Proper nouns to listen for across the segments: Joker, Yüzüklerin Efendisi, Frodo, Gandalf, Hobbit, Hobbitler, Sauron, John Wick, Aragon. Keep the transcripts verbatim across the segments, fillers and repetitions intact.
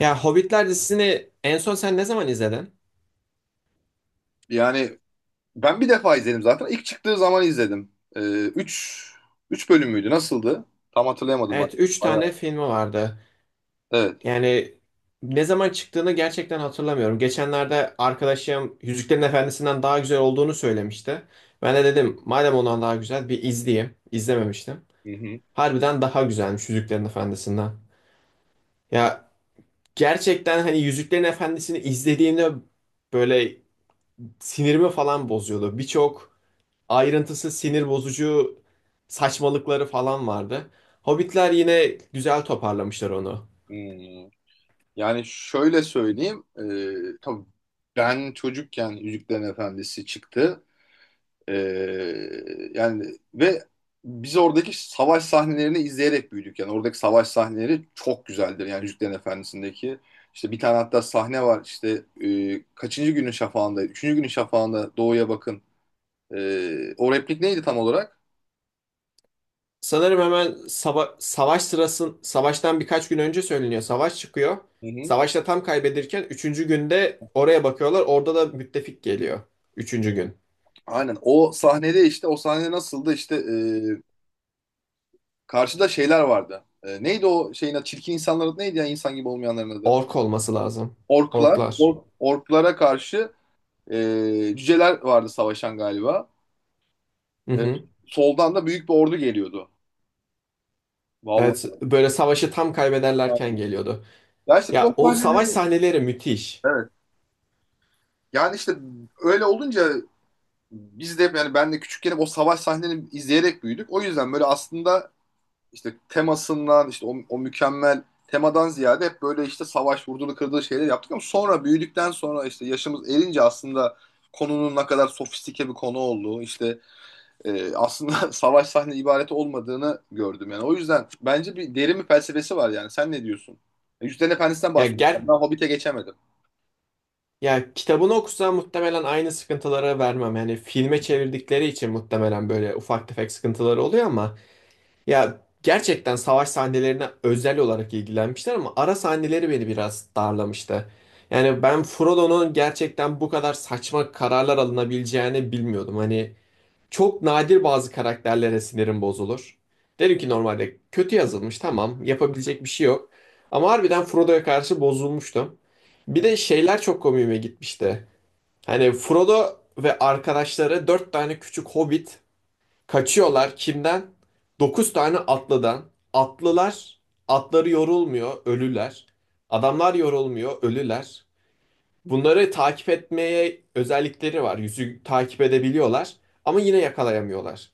Ya Hobbitler dizisini en son sen ne zaman izledin? Yani ben bir defa izledim zaten. İlk çıktığı zaman izledim. Ee, üç, üç bölüm müydü? Nasıldı? Tam hatırlayamadım bak. Evet, üç Bayağı. tane filmi vardı. Evet. Yani ne zaman çıktığını gerçekten hatırlamıyorum. Geçenlerde arkadaşım Yüzüklerin Efendisi'nden daha güzel olduğunu söylemişti. Ben de dedim madem ondan daha güzel bir izleyeyim. İzlememiştim. Hı hı. Harbiden daha güzelmiş Yüzüklerin Efendisi'nden. Ya gerçekten hani Yüzüklerin Efendisi'ni izlediğimde böyle sinirimi falan bozuyordu. Birçok ayrıntısı sinir bozucu saçmalıkları falan vardı. Hobbitler yine güzel toparlamışlar onu. Hmm. Yani şöyle söyleyeyim. Ee, tabii ben çocukken Yüzüklerin Efendisi çıktı. Ee, Yani ve biz oradaki savaş sahnelerini izleyerek büyüdük. Yani oradaki savaş sahneleri çok güzeldir. Yani Yüzüklerin Efendisi'ndeki işte bir tane hatta sahne var. İşte e, kaçıncı günün şafağında? Üçüncü günün şafağında doğuya bakın. Ee, o replik neydi tam olarak? Sanırım hemen sava- savaş sırasın savaştan birkaç gün önce söyleniyor. Savaş çıkıyor. Hı hı. Savaşta tam kaybedirken üçüncü günde oraya bakıyorlar. Orada da müttefik geliyor. Üçüncü gün. Aynen o sahnede işte o sahne nasıldı işte e, karşıda şeyler vardı. E, neydi o şeyin adı? Çirkin insanların adı neydi ya insan gibi olmayanların adı? Ork olması lazım. Orklar. Orklar. Or- orklara karşı e, cüceler vardı savaşan galiba. Hı E, hı. Soldan da büyük bir ordu geliyordu. Evet, Vallahi. böyle savaşı tam kaybederlerken Aynen. geliyordu. Ya işte biz o Ya o savaş sahneleri sahneleri müthiş. evet. Yani işte öyle olunca biz de hep yani ben de küçükken hep o savaş sahnelerini izleyerek büyüdük. O yüzden böyle aslında işte temasından işte o, o mükemmel temadan ziyade hep böyle işte savaş vurdulu kırdığı şeyler yaptık ama sonra büyüdükten sonra işte yaşımız erince aslında konunun ne kadar sofistike bir konu olduğu işte e, aslında savaş sahne ibareti olmadığını gördüm yani. O yüzden bence bir derin bir felsefesi var yani. Sen ne diyorsun? Yüzden Efendisi'nden Ya bahsediyorum. ger Ben Hobbit'e geçemedim. ya kitabını okusam muhtemelen aynı sıkıntılara vermem. Yani filme çevirdikleri için muhtemelen böyle ufak tefek sıkıntıları oluyor ama ya gerçekten savaş sahnelerine özel olarak ilgilenmişler ama ara sahneleri beni biraz darlamıştı. Yani ben Frodo'nun gerçekten bu kadar saçma kararlar alınabileceğini bilmiyordum. Hani Çok nadir bazı karakterlere sinirim bozulur. Derim ki normalde kötü yazılmış tamam yapabilecek bir şey yok. Ama harbiden Frodo'ya karşı bozulmuştum. Bir Hı, de şeyler çok komiğime gitmişti. Hani Frodo ve arkadaşları dört tane küçük hobbit kaçıyorlar kimden? Dokuz tane atlıdan. Atlılar, atları yorulmuyor, ölüler. Adamlar yorulmuyor, ölüler. Bunları takip etmeye özellikleri var. Yüzü takip edebiliyorlar ama yine yakalayamıyorlar.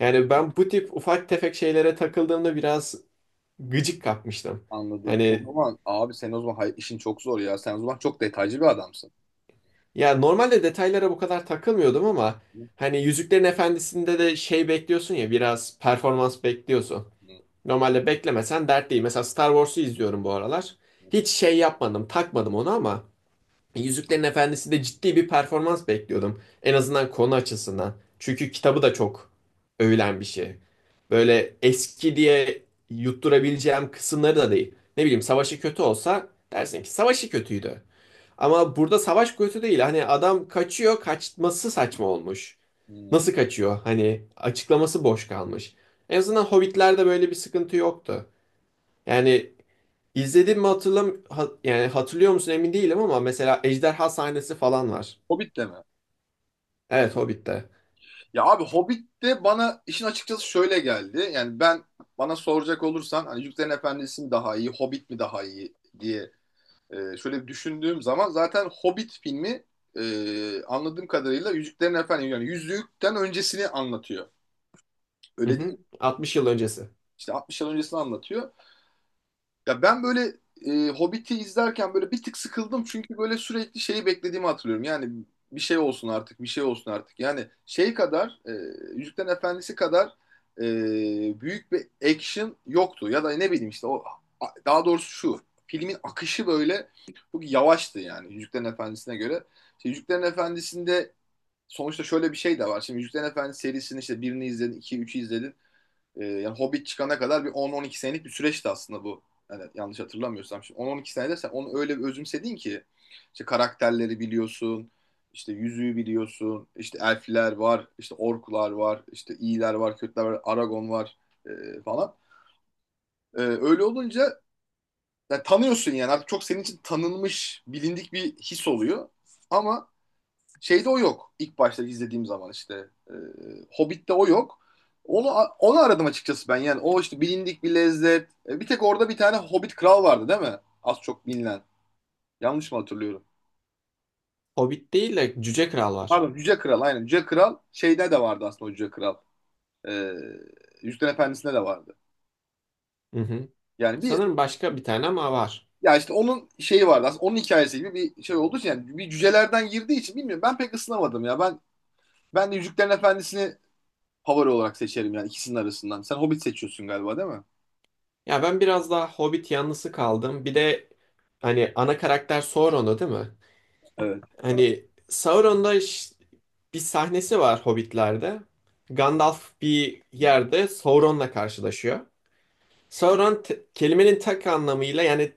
Yani ben bu tip ufak tefek şeylere takıldığımda biraz gıcık kapmıştım. anladım. O Hani zaman abi sen o zaman hay- işin çok zor ya. Sen o zaman çok detaycı bir adamsın. ya normalde detaylara bu kadar takılmıyordum ama Hı, hani Yüzüklerin Efendisi'nde de şey bekliyorsun ya biraz performans bekliyorsun. hı, Normalde beklemesen dert değil. Mesela Star Wars'u izliyorum bu aralar. hı, Hiç şey yapmadım, takmadım onu ama Yüzüklerin Efendisi de ciddi bir performans bekliyordum. En azından konu açısından. Çünkü kitabı da çok övülen bir şey. Böyle eski diye yutturabileceğim kısımları da değil. Ne bileyim savaşı kötü olsa dersin ki savaşı kötüydü. Ama burada savaş kötü değil. Hani adam kaçıyor, kaçması saçma olmuş. hı. Nasıl kaçıyor? Hani açıklaması boş kalmış. En azından Hobbit'lerde böyle bir sıkıntı yoktu. Yani İzledim mi hatırlam ha- yani hatırlıyor musun emin değilim ama mesela ejderha sahnesi falan var. Hobbit'te mi? Evet Hobbit'te. Ya abi Hobbit de bana işin açıkçası şöyle geldi. Yani ben bana soracak olursan hani Yüzüklerin Efendisi mi daha iyi, Hobbit mi daha iyi diye e, şöyle bir düşündüğüm zaman zaten Hobbit filmi e, anladığım kadarıyla Yüzüklerin Efendisi yani Yüzükten öncesini anlatıyor. Hı Öyle değil hı. mi? altmış yıl öncesi. İşte altmış yıl öncesini anlatıyor. Ya ben böyle e, Hobbit'i izlerken böyle bir tık sıkıldım çünkü böyle sürekli şeyi beklediğimi hatırlıyorum. Yani bir şey olsun artık, bir şey olsun artık. Yani şey kadar, e, Yüzüklerin Efendisi kadar e, büyük bir action yoktu. Ya da ne bileyim işte o a- daha doğrusu şu filmin akışı böyle çok yavaştı yani Yüzüklerin Efendisi'ne göre. İşte Yüzüklerin Efendisi'nde sonuçta şöyle bir şey de var. Şimdi Yüzüklerin Efendisi serisini işte birini izledin, iki, üçü izledin. Ee, yani Hobbit çıkana kadar bir on on iki senelik bir süreçti aslında bu. Yani yanlış hatırlamıyorsam. Şimdi on on iki senede sen onu öyle bir özümsedin ki işte karakterleri biliyorsun, işte yüzüğü biliyorsun, işte elfler var, işte orklar var, işte iyiler var, kötüler var, Aragon var e, falan. E, öyle olunca yani tanıyorsun yani artık çok senin için tanınmış, bilindik bir his oluyor. Ama şeyde o yok. İlk başta izlediğim zaman işte. E, Hobbit'te o yok. Onu onu aradım açıkçası ben. Yani o işte bilindik bir lezzet. E, bir tek orada bir tane Hobbit kral vardı değil mi? Az çok bilinen. Yanlış mı hatırlıyorum? Hobbit değil de Cüce Kral var. Pardon Yüce Kral aynen. Yüce Kral şeyde de vardı aslında o Yüce Kral. E, Yüzüklerin Efendisi'nde de vardı. Hı hı. Yani bir Sanırım başka bir tane ama var. ya işte onun şeyi vardı aslında onun hikayesi gibi bir şey olduğu için yani bir cücelerden girdiği için bilmiyorum ben pek ısınamadım ya. Ben ben de Yüzüklerin Efendisi'ni favori olarak seçerim yani ikisinin arasından. Sen Hobbit seçiyorsun galiba değil mi? Ya ben biraz daha Hobbit yanlısı kaldım. Bir de hani ana karakter Sauron'u değil mi? Evet. Galiba. Hani Sauron'da ş- bir sahnesi var Hobbit'lerde. Gandalf bir yerde Sauron'la karşılaşıyor. Sauron te- kelimenin tek anlamıyla yani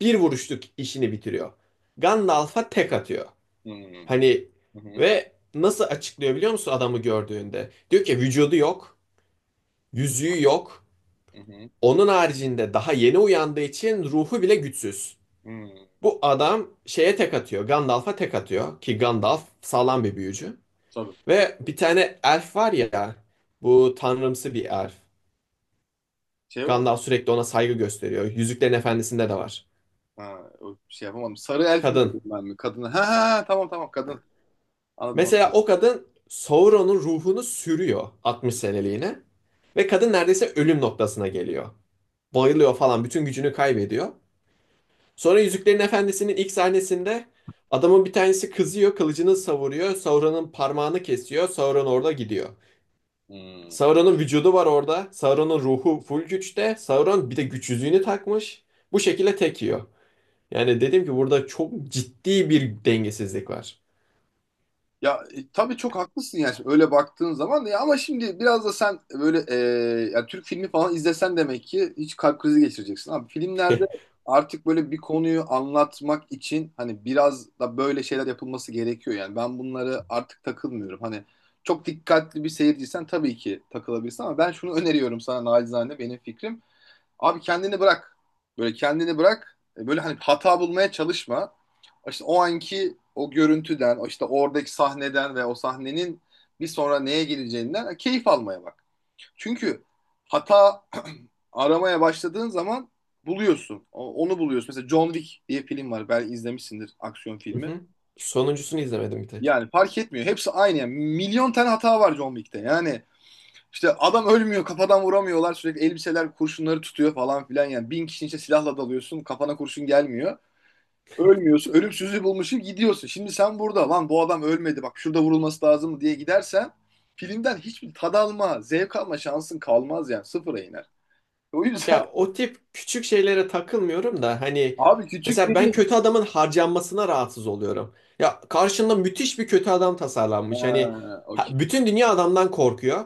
bir vuruşluk işini bitiriyor. Gandalf'a tek atıyor. Hmm. Hani Hı hı. ve nasıl açıklıyor biliyor musun adamı gördüğünde? Diyor ki vücudu yok, yüzüğü yok. Hı hı. Onun haricinde daha yeni uyandığı için ruhu bile güçsüz. Hmm. Bu adam şeye tek atıyor. Gandalf'a tek atıyor. Ki Gandalf sağlam bir büyücü. Sarı. Ve bir tane elf var ya. Bu tanrımsı bir elf. Şey o. Gandalf sürekli ona saygı gösteriyor. Yüzüklerin Efendisi'nde de var. Ha, o şey yapamadım. Sarı elfi biliyorum Kadın. ben mi? Kadını. Ha ha ha, tamam tamam kadın. Anladım. Mesela Anladım. o kadın Sauron'un ruhunu sürüyor altmış seneliğine. Ve kadın neredeyse ölüm noktasına geliyor. Bayılıyor falan. Bütün gücünü kaybediyor. Sonra Yüzüklerin Efendisi'nin ilk sahnesinde adamın bir tanesi kızıyor. Kılıcını savuruyor. Sauron'un parmağını kesiyor. Sauron orada gidiyor. Hmm. Sauron'un vücudu var orada. Sauron'un ruhu full güçte. Sauron bir de güç yüzüğünü takmış. Bu şekilde tek yiyor. Yani dedim ki burada çok ciddi bir dengesizlik var. Ya e, tabii çok haklısın yani şimdi öyle baktığın zaman ya ama şimdi biraz da sen böyle e, yani Türk filmi falan izlesen demek ki hiç kalp krizi geçireceksin abi. Filmlerde artık böyle bir konuyu anlatmak için hani biraz da böyle şeyler yapılması gerekiyor yani ben bunları artık takılmıyorum. Hani çok dikkatli bir seyirciysen tabii ki takılabilirsin ama ben şunu öneriyorum sana naçizane benim fikrim. Abi kendini bırak. Böyle kendini bırak. E, Böyle hani hata bulmaya çalışma. İşte o anki o görüntüden, o işte oradaki sahneden ve o sahnenin bir sonra neye geleceğinden keyif almaya bak. Çünkü hata aramaya başladığın zaman buluyorsun. O- Onu buluyorsun. Mesela John Wick diye film var. Belki izlemişsindir aksiyon Hı filmi. hı. Sonuncusunu izlemedim bir tek. Yani fark etmiyor. Hepsi aynı. Yani milyon tane hata var John Wick'te. Yani işte adam ölmüyor kafadan vuramıyorlar sürekli elbiseler kurşunları tutuyor falan filan yani bin kişinin içine silahla dalıyorsun kafana kurşun gelmiyor ölmüyorsun ölümsüzlüğü bulmuşsun gidiyorsun şimdi sen burada lan bu adam ölmedi bak şurada vurulması lazım diye gidersen filmden hiçbir tad alma zevk alma şansın kalmaz yani sıfıra iner. E, O yüzden Ya o tip küçük şeylere takılmıyorum da hani abi küçük mesela ben dedin. kötü adamın harcanmasına rahatsız oluyorum. Ya karşında müthiş bir kötü adam tasarlanmış. Hani Ha, ha- okey. bütün dünya adamdan korkuyor.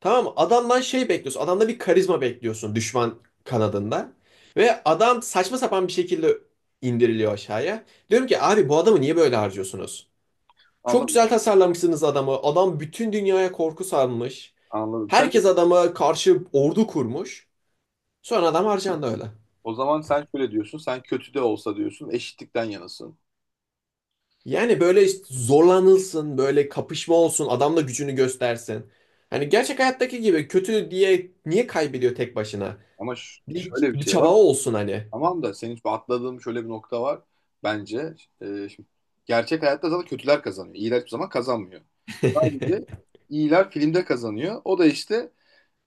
Tamam mı? Adamdan şey bekliyorsun. Adamda bir karizma bekliyorsun düşman kanadında. Ve adam saçma sapan bir şekilde indiriliyor aşağıya. Diyorum ki abi bu adamı niye böyle harcıyorsunuz? Çok Anladım. güzel tasarlamışsınız adamı. Adam bütün dünyaya korku salmış. Anladım. Sen Herkes adama karşı ordu kurmuş. Sonra adam harcandı öyle. o zaman sen şöyle diyorsun. Sen kötü de olsa diyorsun. Eşitlikten yanasın. Yani böyle işte zorlanılsın, böyle kapışma olsun, adam da gücünü göstersin. Hani gerçek hayattaki gibi kötü diye niye kaybediyor tek başına? Ama ş- Bir, şöyle bir bir şey çaba var. olsun hani. Tamam da senin şu atladığın şöyle bir nokta var bence. E, şimdi gerçek hayatta zaten kötüler kazanıyor. İyiler hiçbir zaman kazanmıyor. Sadece iyiler filmde kazanıyor. O da işte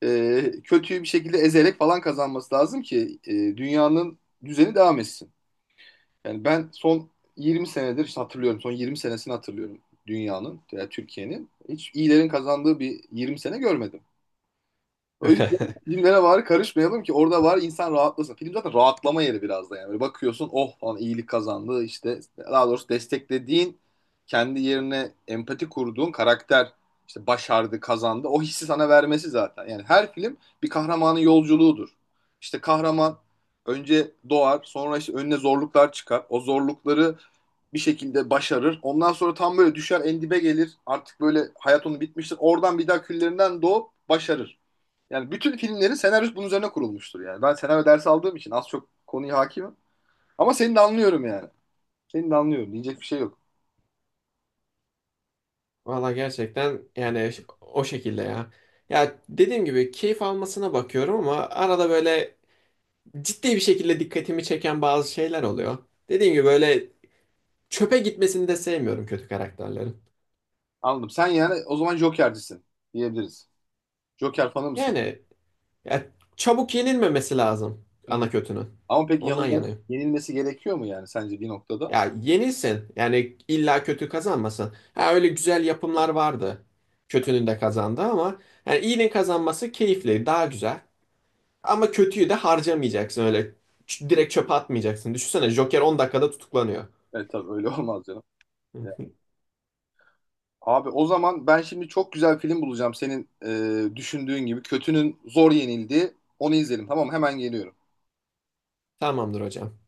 e, kötüyü bir şekilde ezerek falan kazanması lazım ki e, dünyanın düzeni devam etsin. Yani ben son yirmi senedir işte hatırlıyorum. Son yirmi senesini hatırlıyorum dünyanın, yani Türkiye'nin. Hiç iyilerin kazandığı bir yirmi sene görmedim. O yüzden filmlere var karışmayalım ki orada var insan rahatlasın. Film zaten rahatlama yeri biraz da yani. Böyle bakıyorsun oh falan iyilik kazandı işte daha doğrusu desteklediğin kendi yerine empati kurduğun karakter işte başardı kazandı o hissi sana vermesi zaten. Yani her film bir kahramanın yolculuğudur. İşte kahraman önce doğar sonra işte önüne zorluklar çıkar. O zorlukları bir şekilde başarır. Ondan sonra tam böyle düşer en dibe gelir. Artık böyle hayat onun bitmiştir. Oradan bir daha küllerinden doğup başarır. Yani bütün filmlerin senaryosu bunun üzerine kurulmuştur yani. Ben senaryo dersi aldığım için az çok konuya hakimim. Ama seni de anlıyorum yani. Seni de anlıyorum. Diyecek bir şey yok. Valla gerçekten yani ş- o şekilde ya. Ya dediğim gibi keyif almasına bakıyorum ama arada böyle ciddi bir şekilde dikkatimi çeken bazı şeyler oluyor. Dediğim gibi böyle çöpe gitmesini de sevmiyorum kötü karakterlerin. Anladım. Sen yani o zaman Joker'cisin diyebiliriz. Joker fanı mısın? Yani ya çabuk yenilmemesi lazım Hı. ana kötünün. Ama pek Ondan yanılmaz, yanayım. yenilmesi gerekiyor mu yani sence bir noktada? Ya yenilsin. Yani illa kötü kazanmasın. Ha öyle güzel yapımlar vardı. Kötünün de kazandı ama yani iyinin kazanması keyifli, daha güzel. Ama kötüyü de harcamayacaksın öyle. Ç- Direkt çöpe atmayacaksın. Düşünsene Joker on dakikada tutuklanıyor. Evet tabii öyle olmaz canım. Ya. Abi o zaman ben şimdi çok güzel film bulacağım senin e, düşündüğün gibi. Kötünün zor yenildiği. Onu izleyelim tamam mı? Hemen geliyorum. Tamamdır hocam.